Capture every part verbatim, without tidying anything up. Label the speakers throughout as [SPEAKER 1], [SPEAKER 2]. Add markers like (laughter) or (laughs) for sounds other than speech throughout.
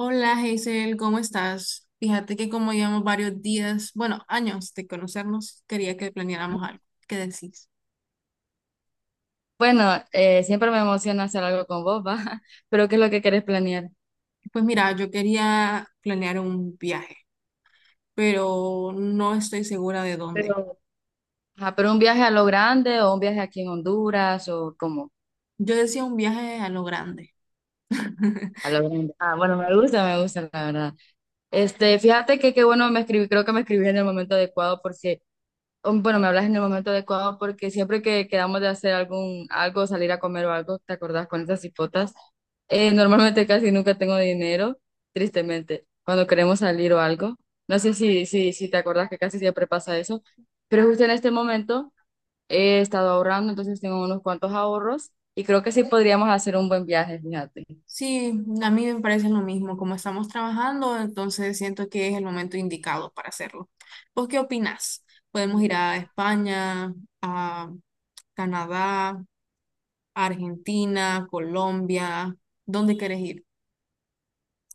[SPEAKER 1] Hola, Hazel, ¿cómo estás? Fíjate que como llevamos varios días, bueno, años de conocernos, quería que planeáramos algo. ¿Qué decís?
[SPEAKER 2] Bueno, eh, siempre me emociona hacer algo con vos, ¿va? (laughs) Pero ¿qué es lo que querés planear?
[SPEAKER 1] Pues mira, yo quería planear un viaje, pero no estoy segura de dónde.
[SPEAKER 2] Pero, ajá, pero un viaje a lo grande o un viaje aquí en Honduras o como
[SPEAKER 1] Yo decía un viaje a lo grande. (laughs)
[SPEAKER 2] a lo grande. Ah, bueno, me gusta, me gusta, la verdad. Este, fíjate que qué bueno me escribí, creo que me escribí en el momento adecuado porque Um, bueno, me hablas en el momento adecuado porque siempre que quedamos de hacer algún algo, salir a comer o algo, ¿te acordás con esas hipotas? Eh, normalmente casi nunca tengo dinero, tristemente, cuando queremos salir o algo. No sé si, si, si te acordás que casi siempre pasa eso, pero justo en este momento he estado ahorrando, entonces tengo unos cuantos ahorros y creo que sí podríamos hacer un buen viaje, fíjate.
[SPEAKER 1] Sí, a mí me parece lo mismo. Como estamos trabajando, entonces siento que es el momento indicado para hacerlo. ¿Vos qué opinás? Podemos ir a España, a Canadá, a Argentina, Colombia, ¿dónde quieres ir?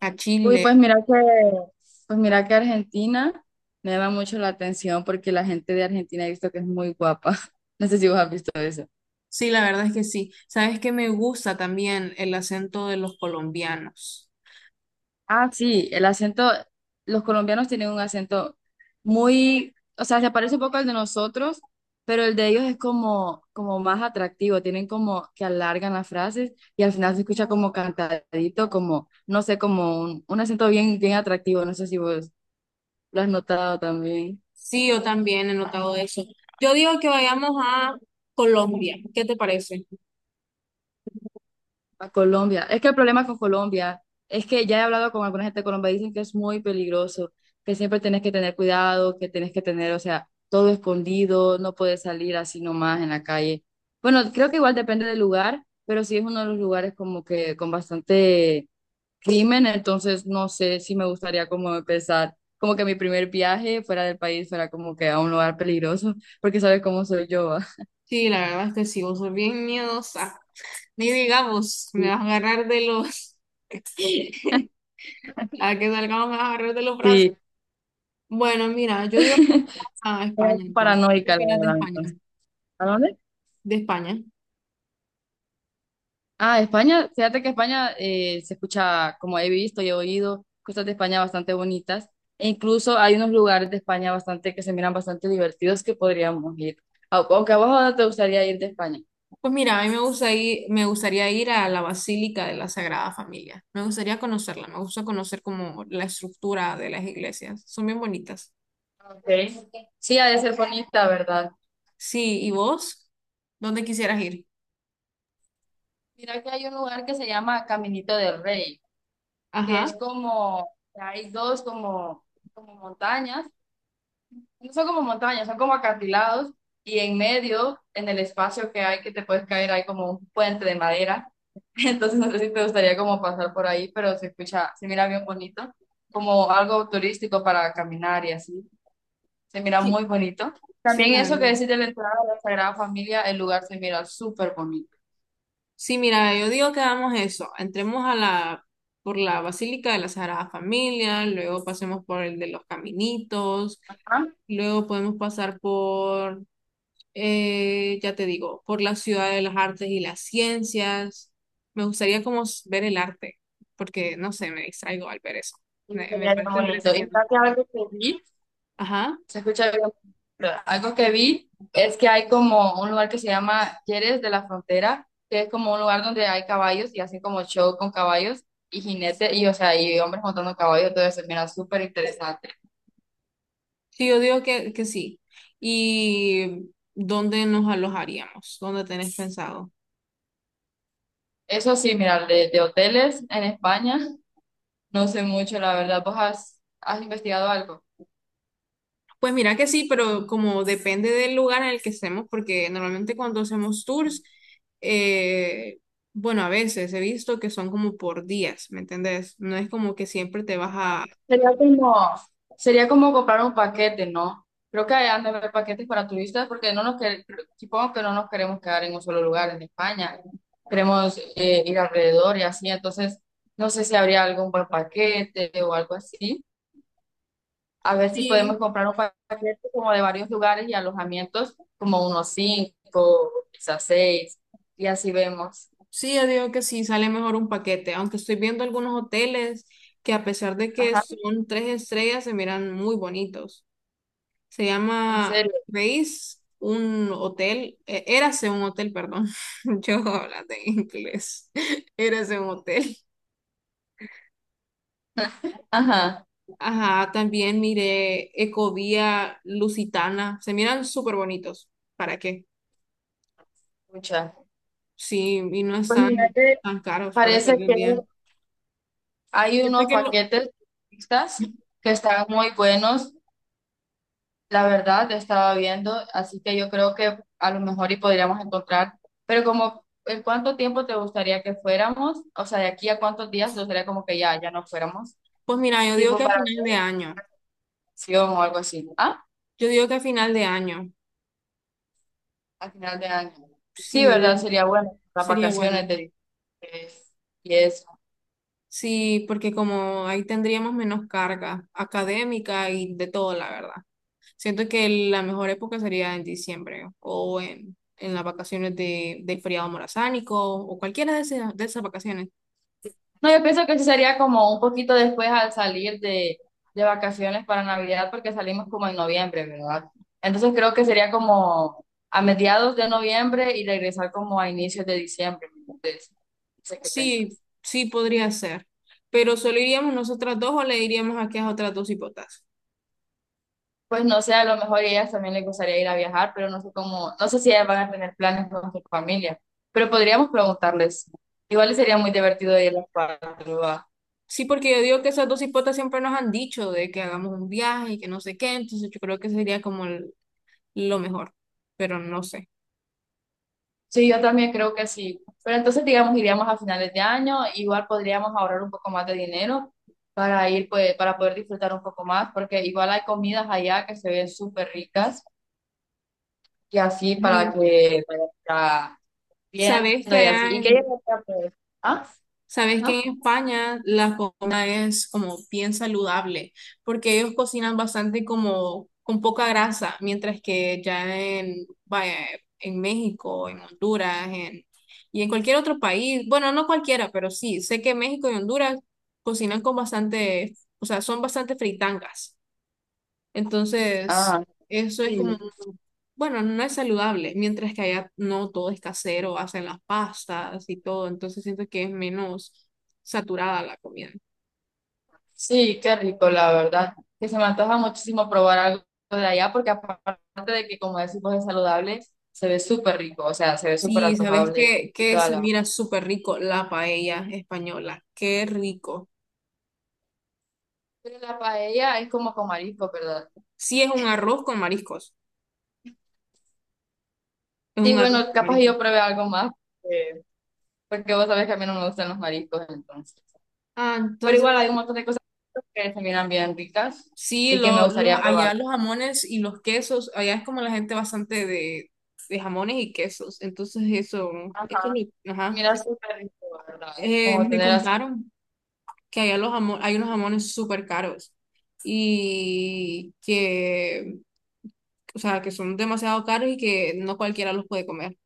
[SPEAKER 1] A
[SPEAKER 2] Uy,
[SPEAKER 1] Chile.
[SPEAKER 2] pues mira que, pues mira que Argentina me llama mucho la atención porque la gente de Argentina he visto que es muy guapa. (laughs) No sé si vos has visto eso.
[SPEAKER 1] Sí, la verdad es que sí. Sabes que me gusta también el acento de los colombianos.
[SPEAKER 2] Ah, sí, el acento, los colombianos tienen un acento muy, o sea, se parece un poco al de nosotros, pero el de ellos es como, como más atractivo, tienen como que alargan las frases y al final se escucha como cantadito, como, no sé, como un, un acento bien, bien atractivo, no sé si vos lo has notado también.
[SPEAKER 1] Sí, yo también he notado eso. Yo digo que vayamos a Colombia. ¿Qué te parece?
[SPEAKER 2] A Colombia. Es que el problema con Colombia es que ya he hablado con alguna gente de Colombia, dicen que es muy peligroso, que siempre tienes que tener cuidado, que tienes que tener, o sea, todo escondido, no puedes salir así nomás en la calle. Bueno, creo que igual depende del lugar, pero sí es uno de los lugares como que con bastante crimen, entonces no sé si me gustaría como empezar, como que mi primer viaje fuera del país fuera como que a un lugar peligroso, porque sabes cómo soy yo, ¿va?
[SPEAKER 1] Sí, la verdad es que sí, vos sos bien miedosa. Ni digamos, me
[SPEAKER 2] Sí,
[SPEAKER 1] vas a agarrar de los. (laughs) A que salgamos me vas a agarrar de los brazos.
[SPEAKER 2] sí,
[SPEAKER 1] Bueno, mira, yo digo
[SPEAKER 2] (laughs)
[SPEAKER 1] a
[SPEAKER 2] soy
[SPEAKER 1] España entonces. ¿Qué
[SPEAKER 2] paranoica, la
[SPEAKER 1] opinas de
[SPEAKER 2] verdad,
[SPEAKER 1] España?
[SPEAKER 2] entonces. ¿A dónde?
[SPEAKER 1] De España.
[SPEAKER 2] Ah, España, fíjate que España eh, se escucha, como he visto y he oído, cosas de España bastante bonitas. E incluso hay unos lugares de España bastante que se miran bastante divertidos que podríamos ir. Au- Aunque a vos ahora te gustaría ir de España.
[SPEAKER 1] Pues mira, a mí me gusta ir- me gustaría ir a la Basílica de la Sagrada Familia. Me gustaría conocerla, me gusta conocer como la estructura de las iglesias. Son bien bonitas.
[SPEAKER 2] Okay. Sí, ha de ser bonita, ¿verdad?
[SPEAKER 1] Sí, ¿y vos? ¿Dónde quisieras ir?
[SPEAKER 2] Mira que hay un lugar que se llama Caminito del Rey, que
[SPEAKER 1] Ajá.
[SPEAKER 2] es como, hay dos como, como montañas. No son como montañas, son como acantilados y en medio, en el espacio que hay que te puedes caer, hay como un puente de madera. (laughs) Entonces no sé si te gustaría como pasar por ahí, pero se escucha, se mira bien bonito, como algo turístico para caminar y así. Se mira
[SPEAKER 1] Sí,
[SPEAKER 2] muy bonito.
[SPEAKER 1] sí,
[SPEAKER 2] También
[SPEAKER 1] la
[SPEAKER 2] eso que
[SPEAKER 1] verdad.
[SPEAKER 2] decís de la entrada de la Sagrada Familia, el lugar se mira súper bonito.
[SPEAKER 1] Sí, mira, yo digo que hagamos eso. Entremos a la, por la Basílica de la Sagrada Familia, luego pasemos por el de los Caminitos,
[SPEAKER 2] Ah,
[SPEAKER 1] luego podemos pasar por eh, ya te digo, por la ciudad de las artes y las ciencias. Me gustaría como s- ver el arte, porque no sé, me distraigo al ver eso.
[SPEAKER 2] y
[SPEAKER 1] Me,
[SPEAKER 2] se
[SPEAKER 1] me
[SPEAKER 2] mira bien
[SPEAKER 1] parece
[SPEAKER 2] bonito. Y
[SPEAKER 1] entretenido.
[SPEAKER 2] fíjate algo que vi.
[SPEAKER 1] Ajá.
[SPEAKER 2] Se escucha bien. Pero algo que vi es que hay como un lugar que se llama Jerez de la Frontera, que es como un lugar donde hay caballos y hacen como show con caballos y jinetes y, o sea, y hombres montando caballos, todo eso, mira, súper interesante.
[SPEAKER 1] Sí, yo digo que, que sí. ¿Y dónde nos alojaríamos? ¿Dónde tenés pensado?
[SPEAKER 2] Eso sí, mira, de, de hoteles en España, no sé mucho, la verdad. ¿Vos has, has investigado algo?
[SPEAKER 1] Pues mira que sí, pero como depende del lugar en el que estemos, porque normalmente cuando hacemos tours, eh, bueno, a veces he visto que son como por días, ¿me entendés? No es como que siempre te vas a.
[SPEAKER 2] Sería como, sería como comprar un paquete, ¿no? Creo que hay han de haber paquetes para turistas porque no nos que- supongo que no nos queremos quedar en un solo lugar en España. Queremos eh, ir alrededor y así. Entonces, no sé si habría algún buen paquete o algo así. A ver si podemos
[SPEAKER 1] Sí.
[SPEAKER 2] comprar un pa- paquete como de varios lugares y alojamientos, como unos cinco, quizás seis, y así vemos.
[SPEAKER 1] Sí, yo digo que sí, sale mejor un paquete, aunque estoy viendo algunos hoteles que a pesar de que
[SPEAKER 2] Ajá,
[SPEAKER 1] son tres estrellas, se miran muy bonitos. Se
[SPEAKER 2] en
[SPEAKER 1] llama
[SPEAKER 2] serio.
[SPEAKER 1] Grace, un hotel, eh, Érase un hotel, perdón, (laughs) yo hablando en inglés, (laughs) Érase un hotel.
[SPEAKER 2] Ajá,
[SPEAKER 1] Ajá, también miré Ecovía Lusitana, se miran súper bonitos, ¿para qué?
[SPEAKER 2] muchas.
[SPEAKER 1] Sí, y no
[SPEAKER 2] Pues
[SPEAKER 1] están
[SPEAKER 2] mira que
[SPEAKER 1] tan caros para hacer
[SPEAKER 2] parece
[SPEAKER 1] de un
[SPEAKER 2] que
[SPEAKER 1] día.
[SPEAKER 2] hay
[SPEAKER 1] Yo creo
[SPEAKER 2] unos
[SPEAKER 1] que lo-
[SPEAKER 2] paquetes mixtas que están muy buenos, la verdad, estaba viendo, así que yo creo que a lo mejor y podríamos encontrar, pero como ¿en cuánto tiempo te gustaría que fuéramos? O sea, de aquí a cuántos días te gustaría como que ya, ya no fuéramos,
[SPEAKER 1] pues mira, yo digo
[SPEAKER 2] tipo
[SPEAKER 1] que a
[SPEAKER 2] para
[SPEAKER 1] final de año.
[SPEAKER 2] vacación o algo así. Ah,
[SPEAKER 1] Yo digo que a final de año,
[SPEAKER 2] al final de año.
[SPEAKER 1] sí,
[SPEAKER 2] Sí,
[SPEAKER 1] yo
[SPEAKER 2] ¿verdad?
[SPEAKER 1] digo,
[SPEAKER 2] Sería bueno, las
[SPEAKER 1] sería
[SPEAKER 2] vacaciones
[SPEAKER 1] bueno.
[SPEAKER 2] de y es
[SPEAKER 1] Sí, porque como ahí tendríamos menos carga académica y de todo, la verdad. Siento que la mejor época sería en diciembre o en, en las vacaciones de, del feriado morazánico o cualquiera de esas, de esas, vacaciones.
[SPEAKER 2] no, yo pienso que sí sería como un poquito después al salir de, de vacaciones para Navidad, porque salimos como en noviembre, ¿verdad? Entonces creo que sería como a mediados de noviembre y regresar como a inicios de diciembre. Entonces, no sé qué
[SPEAKER 1] Sí,
[SPEAKER 2] pensás.
[SPEAKER 1] sí podría ser, pero solo iríamos nosotras dos o le diríamos aquí a otras dos hipotas.
[SPEAKER 2] Pues no sé, a lo mejor a ellas también les gustaría ir a viajar, pero no sé cómo, no sé si ellas van a tener planes con su familia, pero podríamos preguntarles. Igual sería muy
[SPEAKER 1] Sí.
[SPEAKER 2] divertido ir a las cuatro.
[SPEAKER 1] Sí, porque yo digo que esas dos hipotas siempre nos han dicho de que hagamos un viaje y que no sé qué, entonces yo creo que sería como el- lo mejor, pero no sé.
[SPEAKER 2] Sí, yo también creo que sí. Pero entonces, digamos, iríamos a finales de año, igual podríamos ahorrar un poco más de dinero para ir, pues, para poder disfrutar un poco más, porque igual hay comidas allá que se ven súper ricas y así para
[SPEAKER 1] Y
[SPEAKER 2] que vayas a- viendo
[SPEAKER 1] sabes que
[SPEAKER 2] y así.
[SPEAKER 1] allá
[SPEAKER 2] ¿Y qué
[SPEAKER 1] en,
[SPEAKER 2] llevaría, pues? ¿Ah?
[SPEAKER 1] sabes que
[SPEAKER 2] Ajá.
[SPEAKER 1] en España la comida es como bien saludable, porque ellos cocinan bastante como con poca grasa, mientras que ya en, vaya, en México, en Honduras, en, y en cualquier otro país, bueno, no cualquiera, pero sí, sé que México y Honduras cocinan con bastante, o sea, son bastante fritangas. Entonces,
[SPEAKER 2] Ah,
[SPEAKER 1] eso es como,
[SPEAKER 2] sí.
[SPEAKER 1] bueno, no es saludable, mientras que allá no todo es casero, hacen las pastas y todo, entonces siento que es menos saturada la comida.
[SPEAKER 2] Sí, qué rico, la verdad. Que se me antoja muchísimo probar algo de allá, porque aparte de que, como decimos, es saludable, se ve súper rico, o sea, se ve súper
[SPEAKER 1] Sí, ¿sabes
[SPEAKER 2] antojable
[SPEAKER 1] qué?
[SPEAKER 2] y
[SPEAKER 1] Que
[SPEAKER 2] toda
[SPEAKER 1] se
[SPEAKER 2] la.
[SPEAKER 1] mira súper rico la paella española, qué rico.
[SPEAKER 2] Pero la paella es como con mariscos, ¿verdad?
[SPEAKER 1] Sí, es un arroz con mariscos, es
[SPEAKER 2] Sí,
[SPEAKER 1] un arroz
[SPEAKER 2] bueno,
[SPEAKER 1] con
[SPEAKER 2] capaz
[SPEAKER 1] mariscos
[SPEAKER 2] yo pruebe algo más, eh, porque vos sabés que a mí no me gustan los mariscos, entonces.
[SPEAKER 1] Ah,
[SPEAKER 2] Pero igual
[SPEAKER 1] entonces,
[SPEAKER 2] hay un montón de cosas que se miran bien ricas
[SPEAKER 1] sí,
[SPEAKER 2] y que me
[SPEAKER 1] lo, los,
[SPEAKER 2] gustaría
[SPEAKER 1] allá
[SPEAKER 2] probar.
[SPEAKER 1] los jamones y los quesos, allá es como la gente bastante de, de jamones y quesos, entonces eso,
[SPEAKER 2] Ajá.
[SPEAKER 1] eso es mi,
[SPEAKER 2] Se
[SPEAKER 1] ajá.
[SPEAKER 2] mira súper rico, ¿verdad?
[SPEAKER 1] Eh,
[SPEAKER 2] Como
[SPEAKER 1] me
[SPEAKER 2] tener así.
[SPEAKER 1] contaron que allá los jamo- hay unos jamones súper caros y que, o sea, que son demasiado caros y que no cualquiera los puede comer.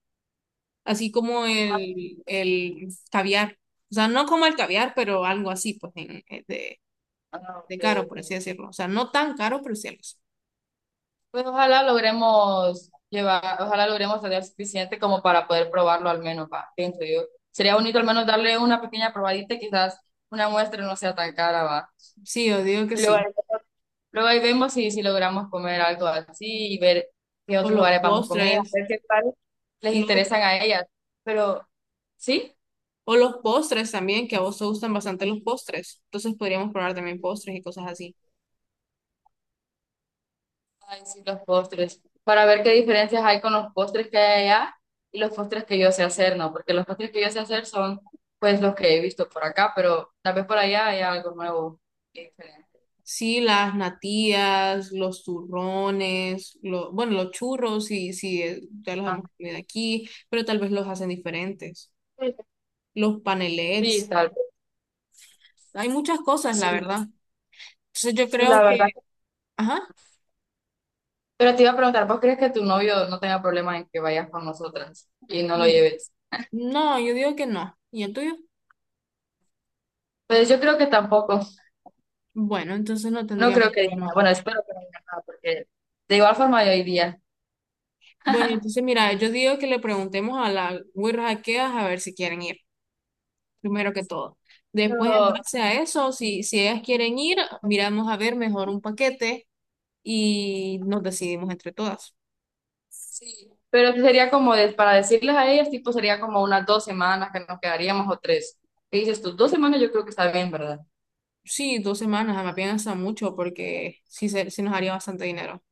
[SPEAKER 1] Así como
[SPEAKER 2] Ah,
[SPEAKER 1] el, el caviar. O sea, no como el caviar, pero algo así, pues, en- eh, de,
[SPEAKER 2] ok,
[SPEAKER 1] de caro, por así
[SPEAKER 2] ok.
[SPEAKER 1] decirlo. O sea, no tan caro, pero sí algo así.
[SPEAKER 2] Pues ojalá logremos llevar, ojalá logremos tener suficiente como para poder probarlo al menos, va, pienso yo. Sería bonito al menos darle una pequeña probadita, quizás una muestra no sea tan cara, va.
[SPEAKER 1] Sí, yo digo que
[SPEAKER 2] Y luego
[SPEAKER 1] sí.
[SPEAKER 2] Luego ahí vemos si, si logramos comer algo así y ver qué
[SPEAKER 1] O
[SPEAKER 2] otros
[SPEAKER 1] los
[SPEAKER 2] lugares vamos con ellas,
[SPEAKER 1] postres,
[SPEAKER 2] ver qué tal les
[SPEAKER 1] lo-
[SPEAKER 2] interesan a ellas. Pero, ¿sí?
[SPEAKER 1] o los postres también, que a vos te gustan bastante los postres. Entonces podríamos probar también postres y cosas así.
[SPEAKER 2] Ay, sí, los postres. Para ver qué diferencias hay con los postres que hay allá y los postres que yo sé hacer, ¿no? Porque los postres que yo sé hacer son, pues, los que he visto por acá, pero tal vez por allá haya algo nuevo y diferente.
[SPEAKER 1] Sí, las natillas, los turrones, lo- bueno, los churros, sí, sí, eh, ya los
[SPEAKER 2] Ah,
[SPEAKER 1] hemos comido aquí, pero tal vez los hacen diferentes. Los
[SPEAKER 2] sí,
[SPEAKER 1] panelets,
[SPEAKER 2] tal vez.
[SPEAKER 1] hay muchas cosas,
[SPEAKER 2] Sí,
[SPEAKER 1] la verdad. Entonces yo creo
[SPEAKER 2] la
[SPEAKER 1] que,
[SPEAKER 2] verdad.
[SPEAKER 1] ajá,
[SPEAKER 2] Pero te iba a preguntar, ¿vos crees que tu novio no tenga problema en que vayas con nosotras y no lo
[SPEAKER 1] mm,
[SPEAKER 2] lleves?
[SPEAKER 1] no, yo digo que no. ¿Y el tuyo?
[SPEAKER 2] Pues yo creo que tampoco.
[SPEAKER 1] Bueno, entonces no
[SPEAKER 2] No creo
[SPEAKER 1] tendríamos
[SPEAKER 2] que diga
[SPEAKER 1] problema
[SPEAKER 2] nada.
[SPEAKER 1] con
[SPEAKER 2] Bueno,
[SPEAKER 1] eso.
[SPEAKER 2] espero que no diga nada, porque de igual forma yo iría.
[SPEAKER 1] Bueno, entonces mira, yo digo que le preguntemos a las güiras aqueas a ver si quieren ir, primero que todo. Después, en
[SPEAKER 2] Pero
[SPEAKER 1] base a eso, si, si ellas quieren ir, miramos a ver mejor un paquete y nos decidimos entre todas.
[SPEAKER 2] sí. Pero sería como de- para decirles a ellas, tipo, sería como unas dos semanas que nos quedaríamos o tres. ¿Qué dices tú? Dos semanas yo creo que está bien, ¿verdad?
[SPEAKER 1] Sí, dos semanas, me piensa mucho porque sí, se, sí nos haría bastante dinero.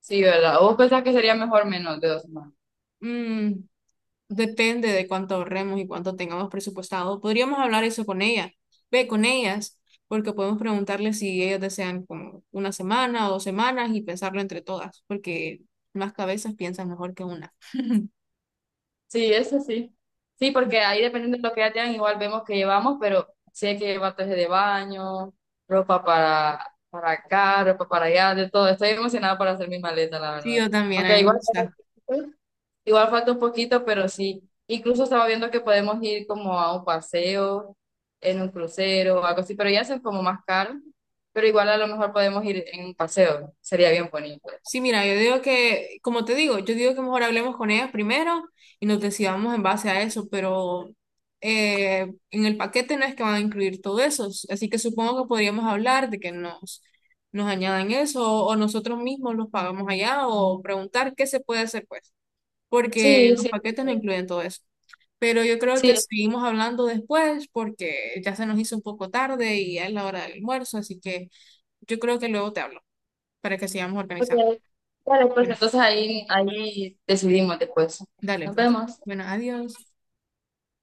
[SPEAKER 2] Sí, ¿verdad? ¿O ¿vos pensás que sería mejor menos de dos semanas?
[SPEAKER 1] Mm, depende de cuánto ahorremos y cuánto tengamos presupuestado. Podríamos hablar eso con ella, ve con ellas, porque podemos preguntarles si ellas desean como una semana o dos semanas y pensarlo entre todas, porque más cabezas piensan mejor que una.
[SPEAKER 2] Sí, eso sí. Sí, porque ahí dependiendo de lo que ya tengan, igual vemos que llevamos, pero sí hay que llevar traje de baño, ropa para, para, acá, ropa para allá, de todo. Estoy emocionada para hacer mi maleta, la
[SPEAKER 1] Sí,
[SPEAKER 2] verdad.
[SPEAKER 1] yo también, a mí
[SPEAKER 2] Aunque
[SPEAKER 1] me
[SPEAKER 2] igual,
[SPEAKER 1] gusta.
[SPEAKER 2] igual falta un poquito, pero sí. Incluso estaba viendo que podemos ir como a un paseo, en un crucero o algo así, pero ya son como más caros. Pero igual a lo mejor podemos ir en un paseo, sería bien bonito.
[SPEAKER 1] Sí, mira, yo digo que, como te digo, yo digo que mejor hablemos con ellas primero y nos decidamos en base a eso, pero eh, en el paquete no es que van a incluir todo eso, s- así que supongo que podríamos hablar de que nos, nos añadan eso o nosotros mismos los pagamos allá o preguntar qué se puede hacer pues, porque
[SPEAKER 2] Sí,
[SPEAKER 1] los
[SPEAKER 2] sí,
[SPEAKER 1] paquetes no incluyen todo eso. Pero yo creo
[SPEAKER 2] sí.
[SPEAKER 1] que seguimos hablando después porque ya se nos hizo un poco tarde y ya es la hora del almuerzo, así que yo creo que luego te hablo para que sigamos
[SPEAKER 2] Ok.
[SPEAKER 1] organizando.
[SPEAKER 2] Vale, pues
[SPEAKER 1] Bueno.
[SPEAKER 2] entonces ahí, ahí decidimos después.
[SPEAKER 1] Dale,
[SPEAKER 2] Nos
[SPEAKER 1] pues.
[SPEAKER 2] vemos.
[SPEAKER 1] Bueno, adiós.